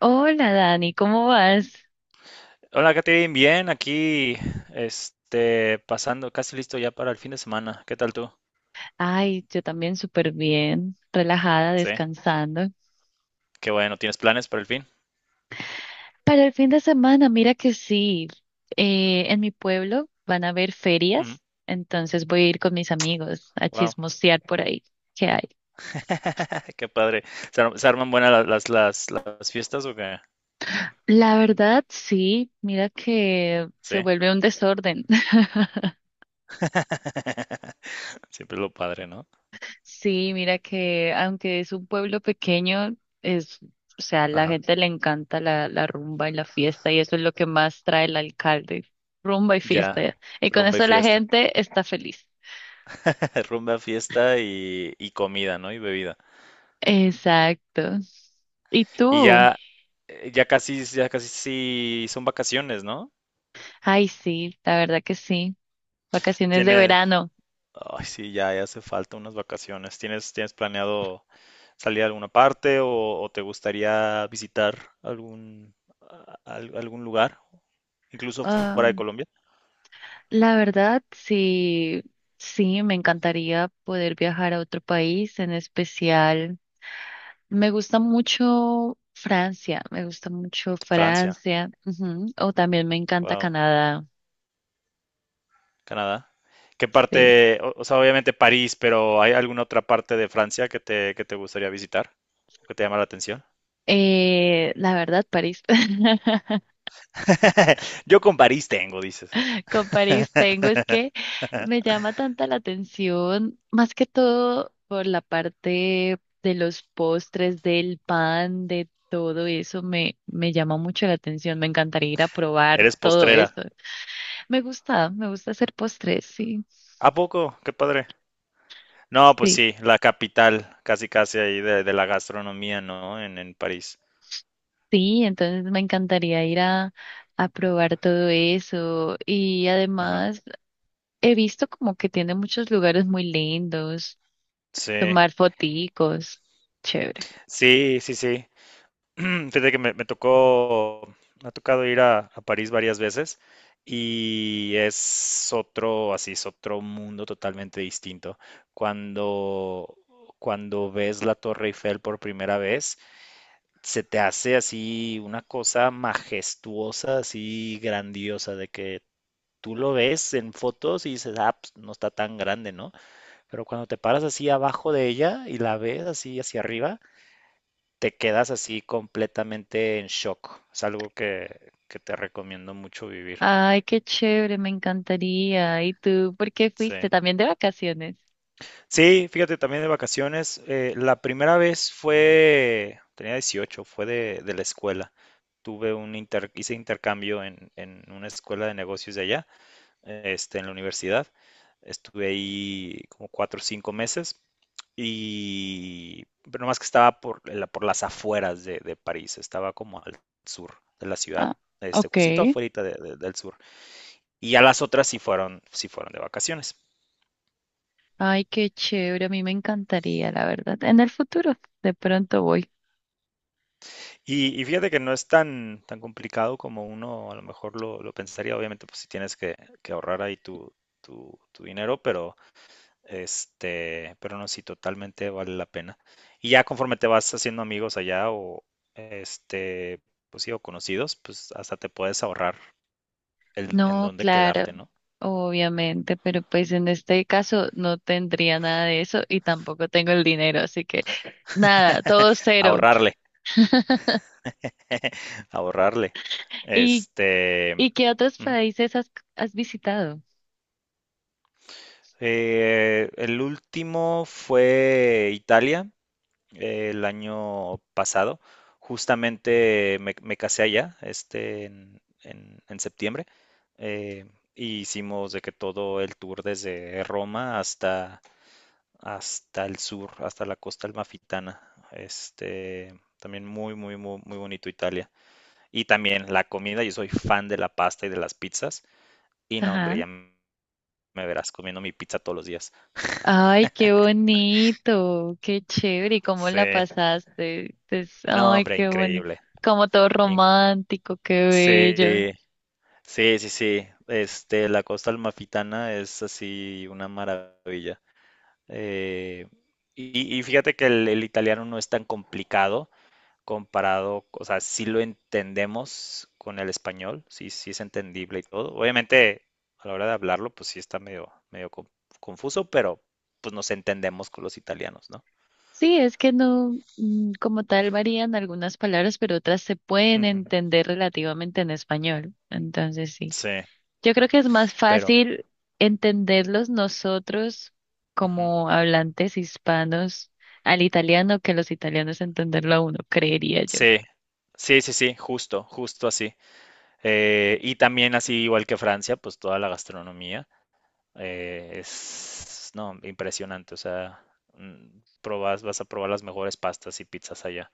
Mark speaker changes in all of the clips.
Speaker 1: Hola Dani, ¿cómo vas?
Speaker 2: Hola, Katherine, bien, aquí, pasando, casi listo ya para el fin de semana. ¿Qué tal tú?
Speaker 1: Ay, yo también súper bien, relajada,
Speaker 2: Sí,
Speaker 1: descansando.
Speaker 2: qué bueno, ¿tienes planes para el fin?
Speaker 1: Para el fin de semana, mira que sí, en mi pueblo van a haber
Speaker 2: Ujú.
Speaker 1: ferias, entonces voy a ir con mis amigos a
Speaker 2: Wow.
Speaker 1: chismosear por ahí. ¿Qué hay?
Speaker 2: Qué padre. Se arman buenas las fiestas o qué?
Speaker 1: La verdad, sí, mira que
Speaker 2: Sí.
Speaker 1: se vuelve un desorden.
Speaker 2: Siempre es lo padre, ¿no?
Speaker 1: Sí, mira que aunque es un pueblo pequeño, es, o sea, a la
Speaker 2: Ajá.
Speaker 1: gente le encanta la rumba y la fiesta y eso es lo que más trae el alcalde, rumba y
Speaker 2: Ya,
Speaker 1: fiesta. Y con
Speaker 2: rumba y
Speaker 1: eso la
Speaker 2: fiesta.
Speaker 1: gente está feliz.
Speaker 2: Rumba, fiesta y comida, ¿no? Y bebida.
Speaker 1: Exacto. ¿Y
Speaker 2: Y
Speaker 1: tú?
Speaker 2: ya, ya casi sí son vacaciones, ¿no?
Speaker 1: Ay, sí, la verdad que sí. Vacaciones de
Speaker 2: Tienes,
Speaker 1: verano.
Speaker 2: ay, sí, ya, ya hace falta unas vacaciones. Tienes planeado salir a alguna parte o te gustaría visitar algún, algún lugar, incluso fuera
Speaker 1: Ah,
Speaker 2: de Colombia?
Speaker 1: la verdad, sí, sí, me encantaría poder viajar a otro país, en especial. Me gusta mucho Francia, me gusta mucho
Speaker 2: Francia,
Speaker 1: Francia, ujú, o también me encanta
Speaker 2: wow,
Speaker 1: Canadá,
Speaker 2: Canadá. ¿Qué
Speaker 1: sí.
Speaker 2: parte, o sea, obviamente París, pero ¿hay alguna otra parte de Francia que te gustaría visitar? ¿Que te llama la atención?
Speaker 1: La verdad, París.
Speaker 2: Yo con París tengo, dices.
Speaker 1: Con París tengo, es que me llama tanta la atención, más que todo por la parte de los postres, del pan, de todo eso, me llama mucho la atención, me encantaría ir a probar
Speaker 2: Eres
Speaker 1: todo eso.
Speaker 2: postrera.
Speaker 1: Me gusta hacer postres, sí,
Speaker 2: ¿A poco? Qué padre. No, pues
Speaker 1: sí.
Speaker 2: sí, la capital, casi casi ahí de la gastronomía, ¿no? En París.
Speaker 1: Sí, entonces me encantaría ir a probar todo eso. Y
Speaker 2: Ajá.
Speaker 1: además he visto como que tiene muchos lugares muy lindos,
Speaker 2: Sí.
Speaker 1: tomar foticos. Chévere.
Speaker 2: Sí, sí, sí. Fíjate que me tocó, me ha tocado ir a París varias veces y es otro, así, es otro mundo totalmente distinto. Cuando, cuando ves la Torre Eiffel por primera vez, se te hace así una cosa majestuosa, así grandiosa, de que tú lo ves en fotos y dices, ah, pues, no está tan grande, ¿no? Pero cuando te paras así abajo de ella y la ves así hacia arriba, te quedas así completamente en shock. Es algo que te recomiendo mucho vivir.
Speaker 1: Ay, qué chévere, me encantaría. ¿Y tú por qué fuiste?
Speaker 2: Sí.
Speaker 1: También de vacaciones.
Speaker 2: Sí, fíjate, también de vacaciones. La primera vez fue, tenía 18, fue de la escuela. Tuve un hice intercambio en una escuela de negocios de allá, en la universidad. Estuve ahí como 4 o 5 meses y pero más que estaba por, por las afueras de París, estaba como al sur de la ciudad,
Speaker 1: Ah, ok.
Speaker 2: justito afuera del sur. Y ya las otras sí fueron de vacaciones.
Speaker 1: Ay, qué chévere, a mí me encantaría, la verdad. En el futuro, de pronto voy.
Speaker 2: Y fíjate que no es tan, tan complicado como uno a lo mejor lo pensaría. Obviamente, pues si tienes que ahorrar ahí tu, tu, tu dinero, pero pero no, sí, totalmente vale la pena. Y ya conforme te vas haciendo amigos allá o este, pues sí, o conocidos, pues hasta te puedes ahorrar el, en
Speaker 1: No,
Speaker 2: dónde
Speaker 1: claro,
Speaker 2: quedarte, ¿no?
Speaker 1: obviamente, pero pues en este caso no tendría nada de eso y tampoco tengo el dinero, así que nada, todo cero.
Speaker 2: Ahorrarle, ahorrarle.
Speaker 1: ¿Y,
Speaker 2: Este,
Speaker 1: y qué otros
Speaker 2: ujú.
Speaker 1: países has visitado?
Speaker 2: El último fue Italia, el año pasado. Justamente me, me casé allá, en, en septiembre. eh, y hicimos de que todo el tour desde Roma hasta, hasta el sur, hasta la costa almafitana. Este, también muy, muy, muy, muy bonito Italia. Y también la comida, yo soy fan de la pasta y de las pizzas. Y no, hombre,
Speaker 1: Ajá.
Speaker 2: me verás comiendo mi pizza todos los días.
Speaker 1: Ay, qué bonito, qué chévere, ¿y cómo la
Speaker 2: Sí.
Speaker 1: pasaste? Pues,
Speaker 2: No,
Speaker 1: ay,
Speaker 2: hombre,
Speaker 1: qué bonito,
Speaker 2: increíble.
Speaker 1: como todo
Speaker 2: In-
Speaker 1: romántico, qué bello.
Speaker 2: sí, sí, sí, sí. La costa almafitana es así una maravilla. Eh, y, y fíjate que el italiano no es tan complicado comparado, o sea, sí lo entendemos con el español, sí, sí es entendible y todo. Obviamente, a la hora de hablarlo, pues sí está medio, medio confuso, pero pues nos entendemos con los italianos, ¿no?
Speaker 1: Sí, es que no, como tal varían algunas palabras, pero otras se pueden
Speaker 2: Ujú.
Speaker 1: entender relativamente en español. Entonces, sí.
Speaker 2: Sí,
Speaker 1: Yo creo que es más
Speaker 2: pero
Speaker 1: fácil entenderlos nosotros
Speaker 2: ujú.
Speaker 1: como hablantes hispanos al italiano que los italianos entenderlo a uno, creería yo.
Speaker 2: Sí, sí, sí, sí, justo, justo así. Y también así, igual que Francia, pues toda la gastronomía es, no, impresionante. O sea, vas a probar las mejores pastas y pizzas allá.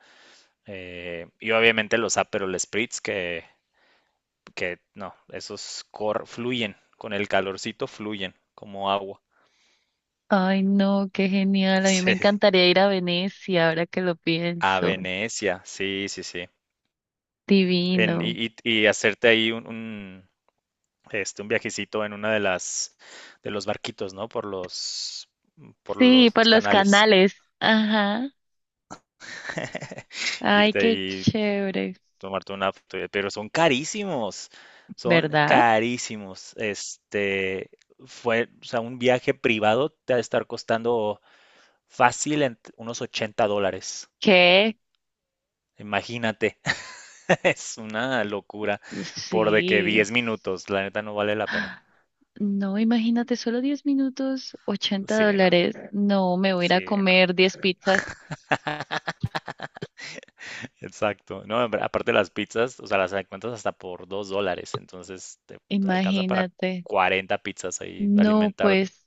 Speaker 2: Y obviamente los Aperol Spritz que no, fluyen, con el calorcito fluyen como agua.
Speaker 1: Ay, no, qué genial. A mí me
Speaker 2: Sí.
Speaker 1: encantaría ir a Venecia ahora que lo
Speaker 2: A
Speaker 1: pienso.
Speaker 2: Venecia, sí, sí, sí.
Speaker 1: Divino.
Speaker 2: Y, y hacerte ahí un, un viajecito en una de las, de los barquitos, ¿no? Por
Speaker 1: Sí,
Speaker 2: los
Speaker 1: por los
Speaker 2: canales.
Speaker 1: canales. Ajá. Ay,
Speaker 2: Irte
Speaker 1: qué
Speaker 2: ahí,
Speaker 1: chévere.
Speaker 2: tomarte una foto, pero son carísimos, son
Speaker 1: ¿Verdad?
Speaker 2: carísimos. Fue, o sea, un viaje privado te ha de estar costando fácil en unos $80.
Speaker 1: Que
Speaker 2: Imagínate, es una locura por de que
Speaker 1: sí,
Speaker 2: 10 minutos, la neta no vale la pena.
Speaker 1: no, imagínate, solo 10 minutos, ochenta
Speaker 2: Sí, no,
Speaker 1: dólares. No, me voy a ir a
Speaker 2: sí, no.
Speaker 1: comer 10 pizzas,
Speaker 2: Exacto. No, hombre, aparte las pizzas, o sea, las encuentras hasta por $2, entonces te alcanzan para
Speaker 1: imagínate.
Speaker 2: 40 pizzas ahí,
Speaker 1: No,
Speaker 2: alimentar,
Speaker 1: pues,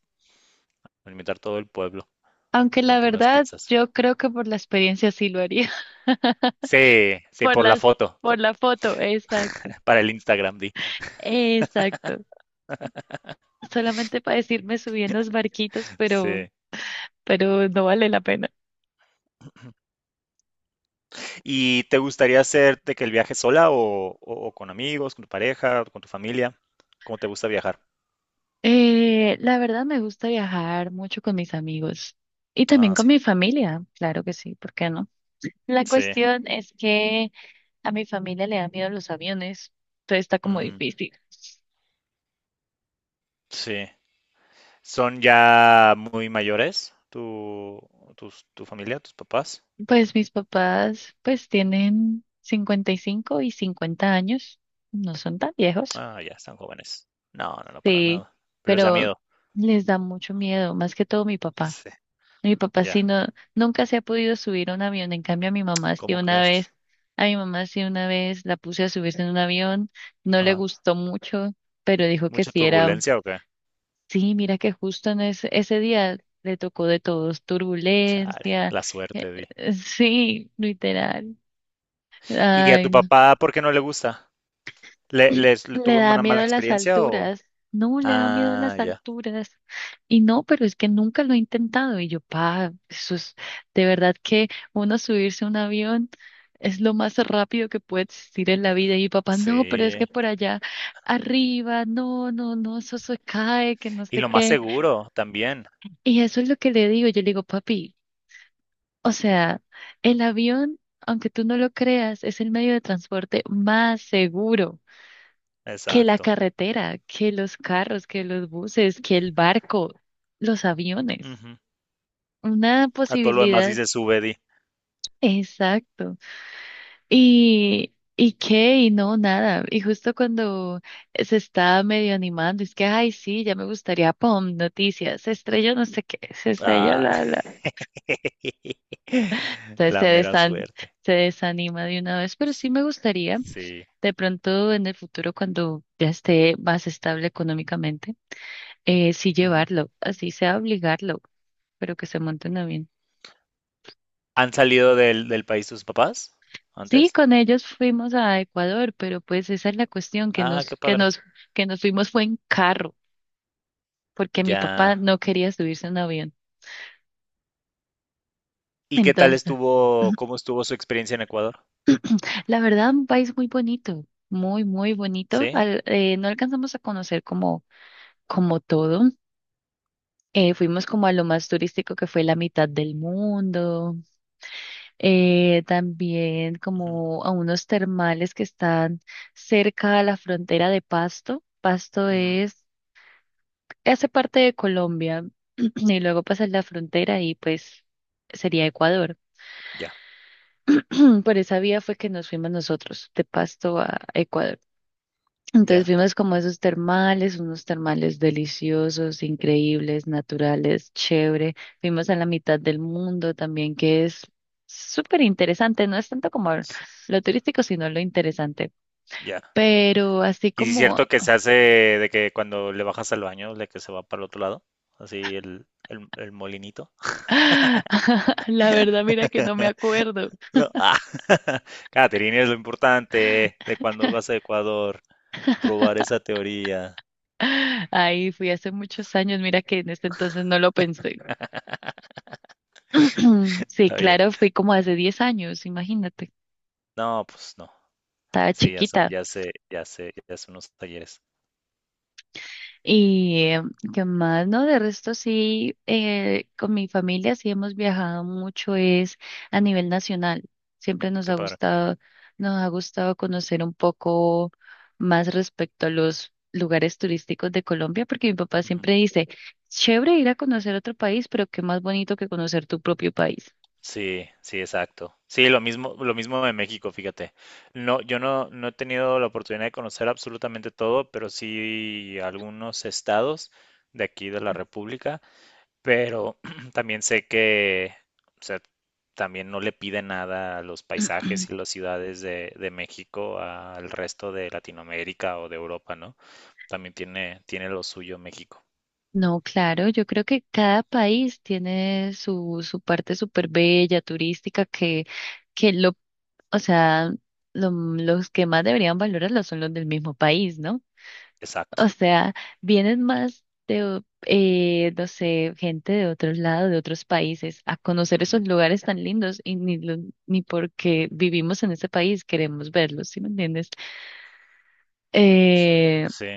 Speaker 2: alimentar todo el pueblo
Speaker 1: aunque la
Speaker 2: con puras
Speaker 1: verdad,
Speaker 2: pizzas.
Speaker 1: yo creo que por la experiencia sí lo haría,
Speaker 2: Sí, sí,
Speaker 1: por
Speaker 2: por la
Speaker 1: las,
Speaker 2: foto,
Speaker 1: por la foto, exacto,
Speaker 2: para el Instagram, di.
Speaker 1: exacto. Solamente para decirme subí en los barquitos, pero,
Speaker 2: Sí.
Speaker 1: pero no vale la pena.
Speaker 2: ¿Y te gustaría hacer de que el viaje sola o, o con amigos, con tu pareja, con tu familia? ¿Cómo te gusta viajar?
Speaker 1: La verdad me gusta viajar mucho con mis amigos y también
Speaker 2: Ah,
Speaker 1: con
Speaker 2: sí,
Speaker 1: mi familia, claro que sí, ¿por qué no? La
Speaker 2: sí,
Speaker 1: cuestión es que a mi familia le da miedo los aviones, entonces está como
Speaker 2: mm,
Speaker 1: difícil.
Speaker 2: sí. ¿Son ya muy mayores tu, tu familia, tus papás?
Speaker 1: Pues mis papás pues tienen 55 y 50 años, no son tan viejos,
Speaker 2: Ah, ya están jóvenes. No, no, no, para
Speaker 1: sí,
Speaker 2: nada. Pero les da
Speaker 1: pero
Speaker 2: miedo.
Speaker 1: les da mucho miedo, más que todo mi papá.
Speaker 2: Sí.
Speaker 1: Mi papá sí
Speaker 2: Ya,
Speaker 1: no, nunca se ha podido subir a un avión, en cambio a mi mamá sí
Speaker 2: ¿cómo
Speaker 1: una
Speaker 2: crees?
Speaker 1: vez, la puse a subirse en un avión, no le
Speaker 2: Ajá.
Speaker 1: gustó mucho, pero dijo que
Speaker 2: ¿Mucha
Speaker 1: sí era,
Speaker 2: turbulencia o qué?
Speaker 1: sí, mira que justo en ese día le tocó de todos,
Speaker 2: Chale,
Speaker 1: turbulencia,
Speaker 2: la
Speaker 1: eh,
Speaker 2: suerte, di.
Speaker 1: sí, literal.
Speaker 2: ¿Y a
Speaker 1: Ay,
Speaker 2: tu
Speaker 1: no.
Speaker 2: papá por qué no le gusta? Le
Speaker 1: Le
Speaker 2: tuvo
Speaker 1: da
Speaker 2: una
Speaker 1: miedo
Speaker 2: mala
Speaker 1: a las
Speaker 2: experiencia o...?
Speaker 1: alturas. No, le da miedo a
Speaker 2: Ah,
Speaker 1: las
Speaker 2: ya,
Speaker 1: alturas. Y no, pero es que nunca lo he intentado. Y yo, pa, eso es de verdad que uno subirse a un avión es lo más rápido que puede existir en la vida. Y mi papá, no, pero es
Speaker 2: sí.
Speaker 1: que por allá arriba, no, no, no, eso se cae, que no
Speaker 2: Y
Speaker 1: sé
Speaker 2: lo más
Speaker 1: qué.
Speaker 2: seguro también.
Speaker 1: Y eso es lo que le digo. Yo le digo, papi, o sea, el avión, aunque tú no lo creas, es el medio de transporte más seguro. Que la
Speaker 2: Exacto.
Speaker 1: carretera, que los carros, que los buses, que el barco, los aviones.
Speaker 2: Ujú.
Speaker 1: Una
Speaker 2: A todo lo demás
Speaker 1: posibilidad,
Speaker 2: dice sube, di.
Speaker 1: exacto. Y qué, y no, nada. Y justo cuando se está medio animando, es que, ay, sí, ya me gustaría, pum, noticias, se estrelló no sé qué, se estrelló
Speaker 2: Ah.
Speaker 1: la, la. Entonces
Speaker 2: La mera suerte.
Speaker 1: se desanima de una vez, pero sí me gustaría,
Speaker 2: Sí.
Speaker 1: de pronto en el futuro, cuando ya esté más estable económicamente. Sí
Speaker 2: Ujú.
Speaker 1: llevarlo, así sea obligarlo, pero que se monten a bien.
Speaker 2: ¿Han salido del, del país tus papás
Speaker 1: Sí,
Speaker 2: antes?
Speaker 1: con ellos fuimos a Ecuador, pero pues esa es la cuestión,
Speaker 2: Ah, qué padre.
Speaker 1: que nos fuimos fue en carro, porque mi papá
Speaker 2: Ya.
Speaker 1: no quería subirse en avión.
Speaker 2: ¿Y qué tal
Speaker 1: Entonces,
Speaker 2: estuvo, cómo estuvo su experiencia en Ecuador?
Speaker 1: la verdad, un país muy bonito, muy, muy bonito.
Speaker 2: ¿Sí?
Speaker 1: No alcanzamos a conocer como todo. Fuimos como a lo más turístico que fue la mitad del mundo, también
Speaker 2: Ujú,
Speaker 1: como a unos termales que están cerca a la frontera de Pasto.
Speaker 2: ujú.
Speaker 1: Hace parte de Colombia y luego pasas la frontera y pues sería Ecuador.
Speaker 2: Ya,
Speaker 1: Por esa vía fue que nos fuimos nosotros de Pasto a Ecuador. Entonces
Speaker 2: ya,
Speaker 1: vimos como esos termales, unos termales deliciosos, increíbles, naturales, chévere. Vimos a la mitad del mundo también, que es súper interesante. No es tanto como
Speaker 2: s-
Speaker 1: lo turístico, sino lo interesante.
Speaker 2: ya.
Speaker 1: Pero así
Speaker 2: ¿Y si es
Speaker 1: como,
Speaker 2: cierto que se hace de que cuando le bajas al baño, de que se va para el otro lado? Así el molinito.
Speaker 1: la verdad, mira que no me acuerdo.
Speaker 2: No. Ah, Catherine, es lo importante de cuando vas a Ecuador, probar esa teoría.
Speaker 1: Ahí fui hace muchos años, mira que en este entonces no lo pensé. Sí,
Speaker 2: Está bien.
Speaker 1: claro, fui como hace 10 años, imagínate.
Speaker 2: No, pues no.
Speaker 1: Estaba
Speaker 2: Sí, ya son,
Speaker 1: chiquita.
Speaker 2: ya sé, ya sé, ya son unos talleres.
Speaker 1: Y qué más, ¿no? De resto sí, con mi familia sí hemos viajado mucho, es a nivel nacional. Siempre nos
Speaker 2: Qué
Speaker 1: ha
Speaker 2: padre.
Speaker 1: gustado, Nos ha gustado conocer un poco más respecto a los lugares turísticos de Colombia, porque mi papá
Speaker 2: Ujú.
Speaker 1: siempre dice, chévere ir a conocer otro país, pero qué más bonito que conocer tu propio país.
Speaker 2: Sí, sí, exacto. Sí, lo mismo de México, fíjate. No, yo no, no he tenido la oportunidad de conocer absolutamente todo, pero sí algunos estados de aquí de la República, pero también sé que, o sea, también no le piden nada a los paisajes y las ciudades de México al resto de Latinoamérica o de Europa, ¿no? También tiene, tiene lo suyo México.
Speaker 1: No, claro, yo creo que cada país tiene su parte súper bella, turística, que lo o sea, los que más deberían valorarlo son los del mismo país, ¿no? O
Speaker 2: Exacto.
Speaker 1: sea, vienen más de, no sé, gente de otros lados, de otros países, a conocer
Speaker 2: Ujú.
Speaker 1: esos lugares tan lindos y ni, ni porque vivimos en ese país queremos verlos, ¿sí me entiendes? Eh,
Speaker 2: Sí,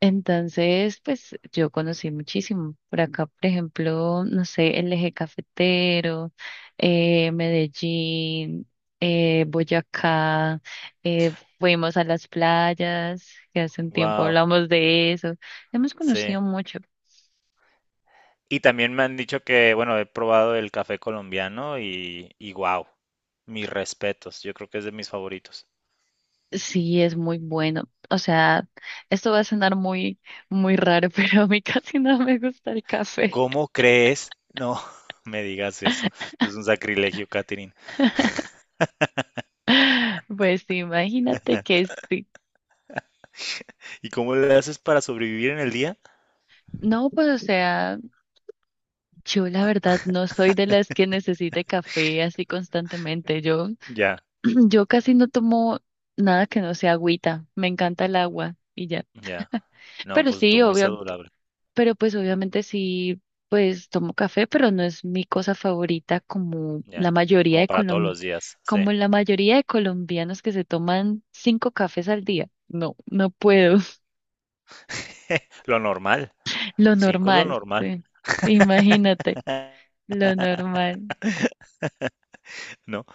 Speaker 1: entonces, pues yo conocí muchísimo. Por acá, por ejemplo, no sé, el eje cafetero, Medellín, Boyacá, eh, fuimos a las playas, que hace un tiempo
Speaker 2: wow,
Speaker 1: hablamos de eso. Hemos
Speaker 2: sí.
Speaker 1: conocido mucho.
Speaker 2: Y también me han dicho que, bueno, he probado el café colombiano y wow, mis respetos, yo creo que es de mis favoritos.
Speaker 1: Sí, es muy bueno. O sea, esto va a sonar muy, muy raro, pero a mí casi no me gusta el café.
Speaker 2: ¿Cómo crees? No me digas eso, es un sacrilegio, Katherine.
Speaker 1: Pues imagínate que sí.
Speaker 2: ¿Y cómo le haces para sobrevivir en el día?
Speaker 1: No, pues o sea. Yo la verdad no soy de las que necesite café así constantemente. Yo,
Speaker 2: Ya,
Speaker 1: yo casi no tomo nada que no sea agüita. Me encanta el agua y ya.
Speaker 2: ya, no,
Speaker 1: Pero
Speaker 2: pues tú
Speaker 1: sí,
Speaker 2: muy
Speaker 1: obvio.
Speaker 2: saludable,
Speaker 1: Pero pues obviamente sí, pues tomo café, pero no es mi cosa favorita
Speaker 2: ya, como para todos los días, sí.
Speaker 1: como la mayoría de colombianos que se toman cinco cafés al día. No, no puedo.
Speaker 2: Lo normal,
Speaker 1: Lo
Speaker 2: 5 es lo
Speaker 1: normal,
Speaker 2: normal.
Speaker 1: sí. Imagínate, lo normal.
Speaker 2: ¿No?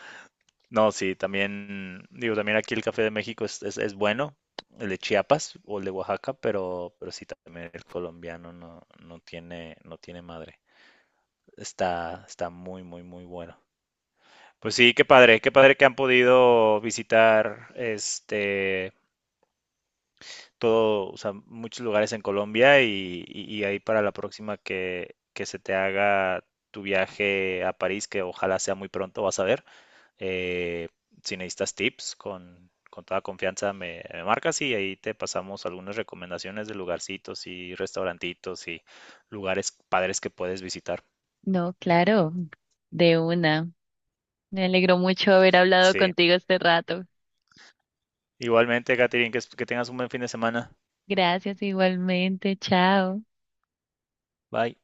Speaker 2: No, sí, también, digo, también aquí el café de México es bueno, el de Chiapas o el de Oaxaca, pero sí también el colombiano no, no tiene, no tiene madre. Está, está muy, muy, muy bueno. Pues sí, qué padre que han podido visitar todo, o sea, muchos lugares en Colombia y, y ahí para la próxima que se te haga tu viaje a París, que ojalá sea muy pronto, vas a ver. Eh, si necesitas tips, con toda confianza me, me marcas y ahí te pasamos algunas recomendaciones de lugarcitos y restaurantitos y lugares padres que puedes visitar.
Speaker 1: No, claro, de una. Me alegro mucho haber hablado
Speaker 2: Sí,
Speaker 1: contigo este rato.
Speaker 2: igualmente, Catherine, que tengas un buen fin de semana.
Speaker 1: Gracias igualmente. Chao.
Speaker 2: Bye.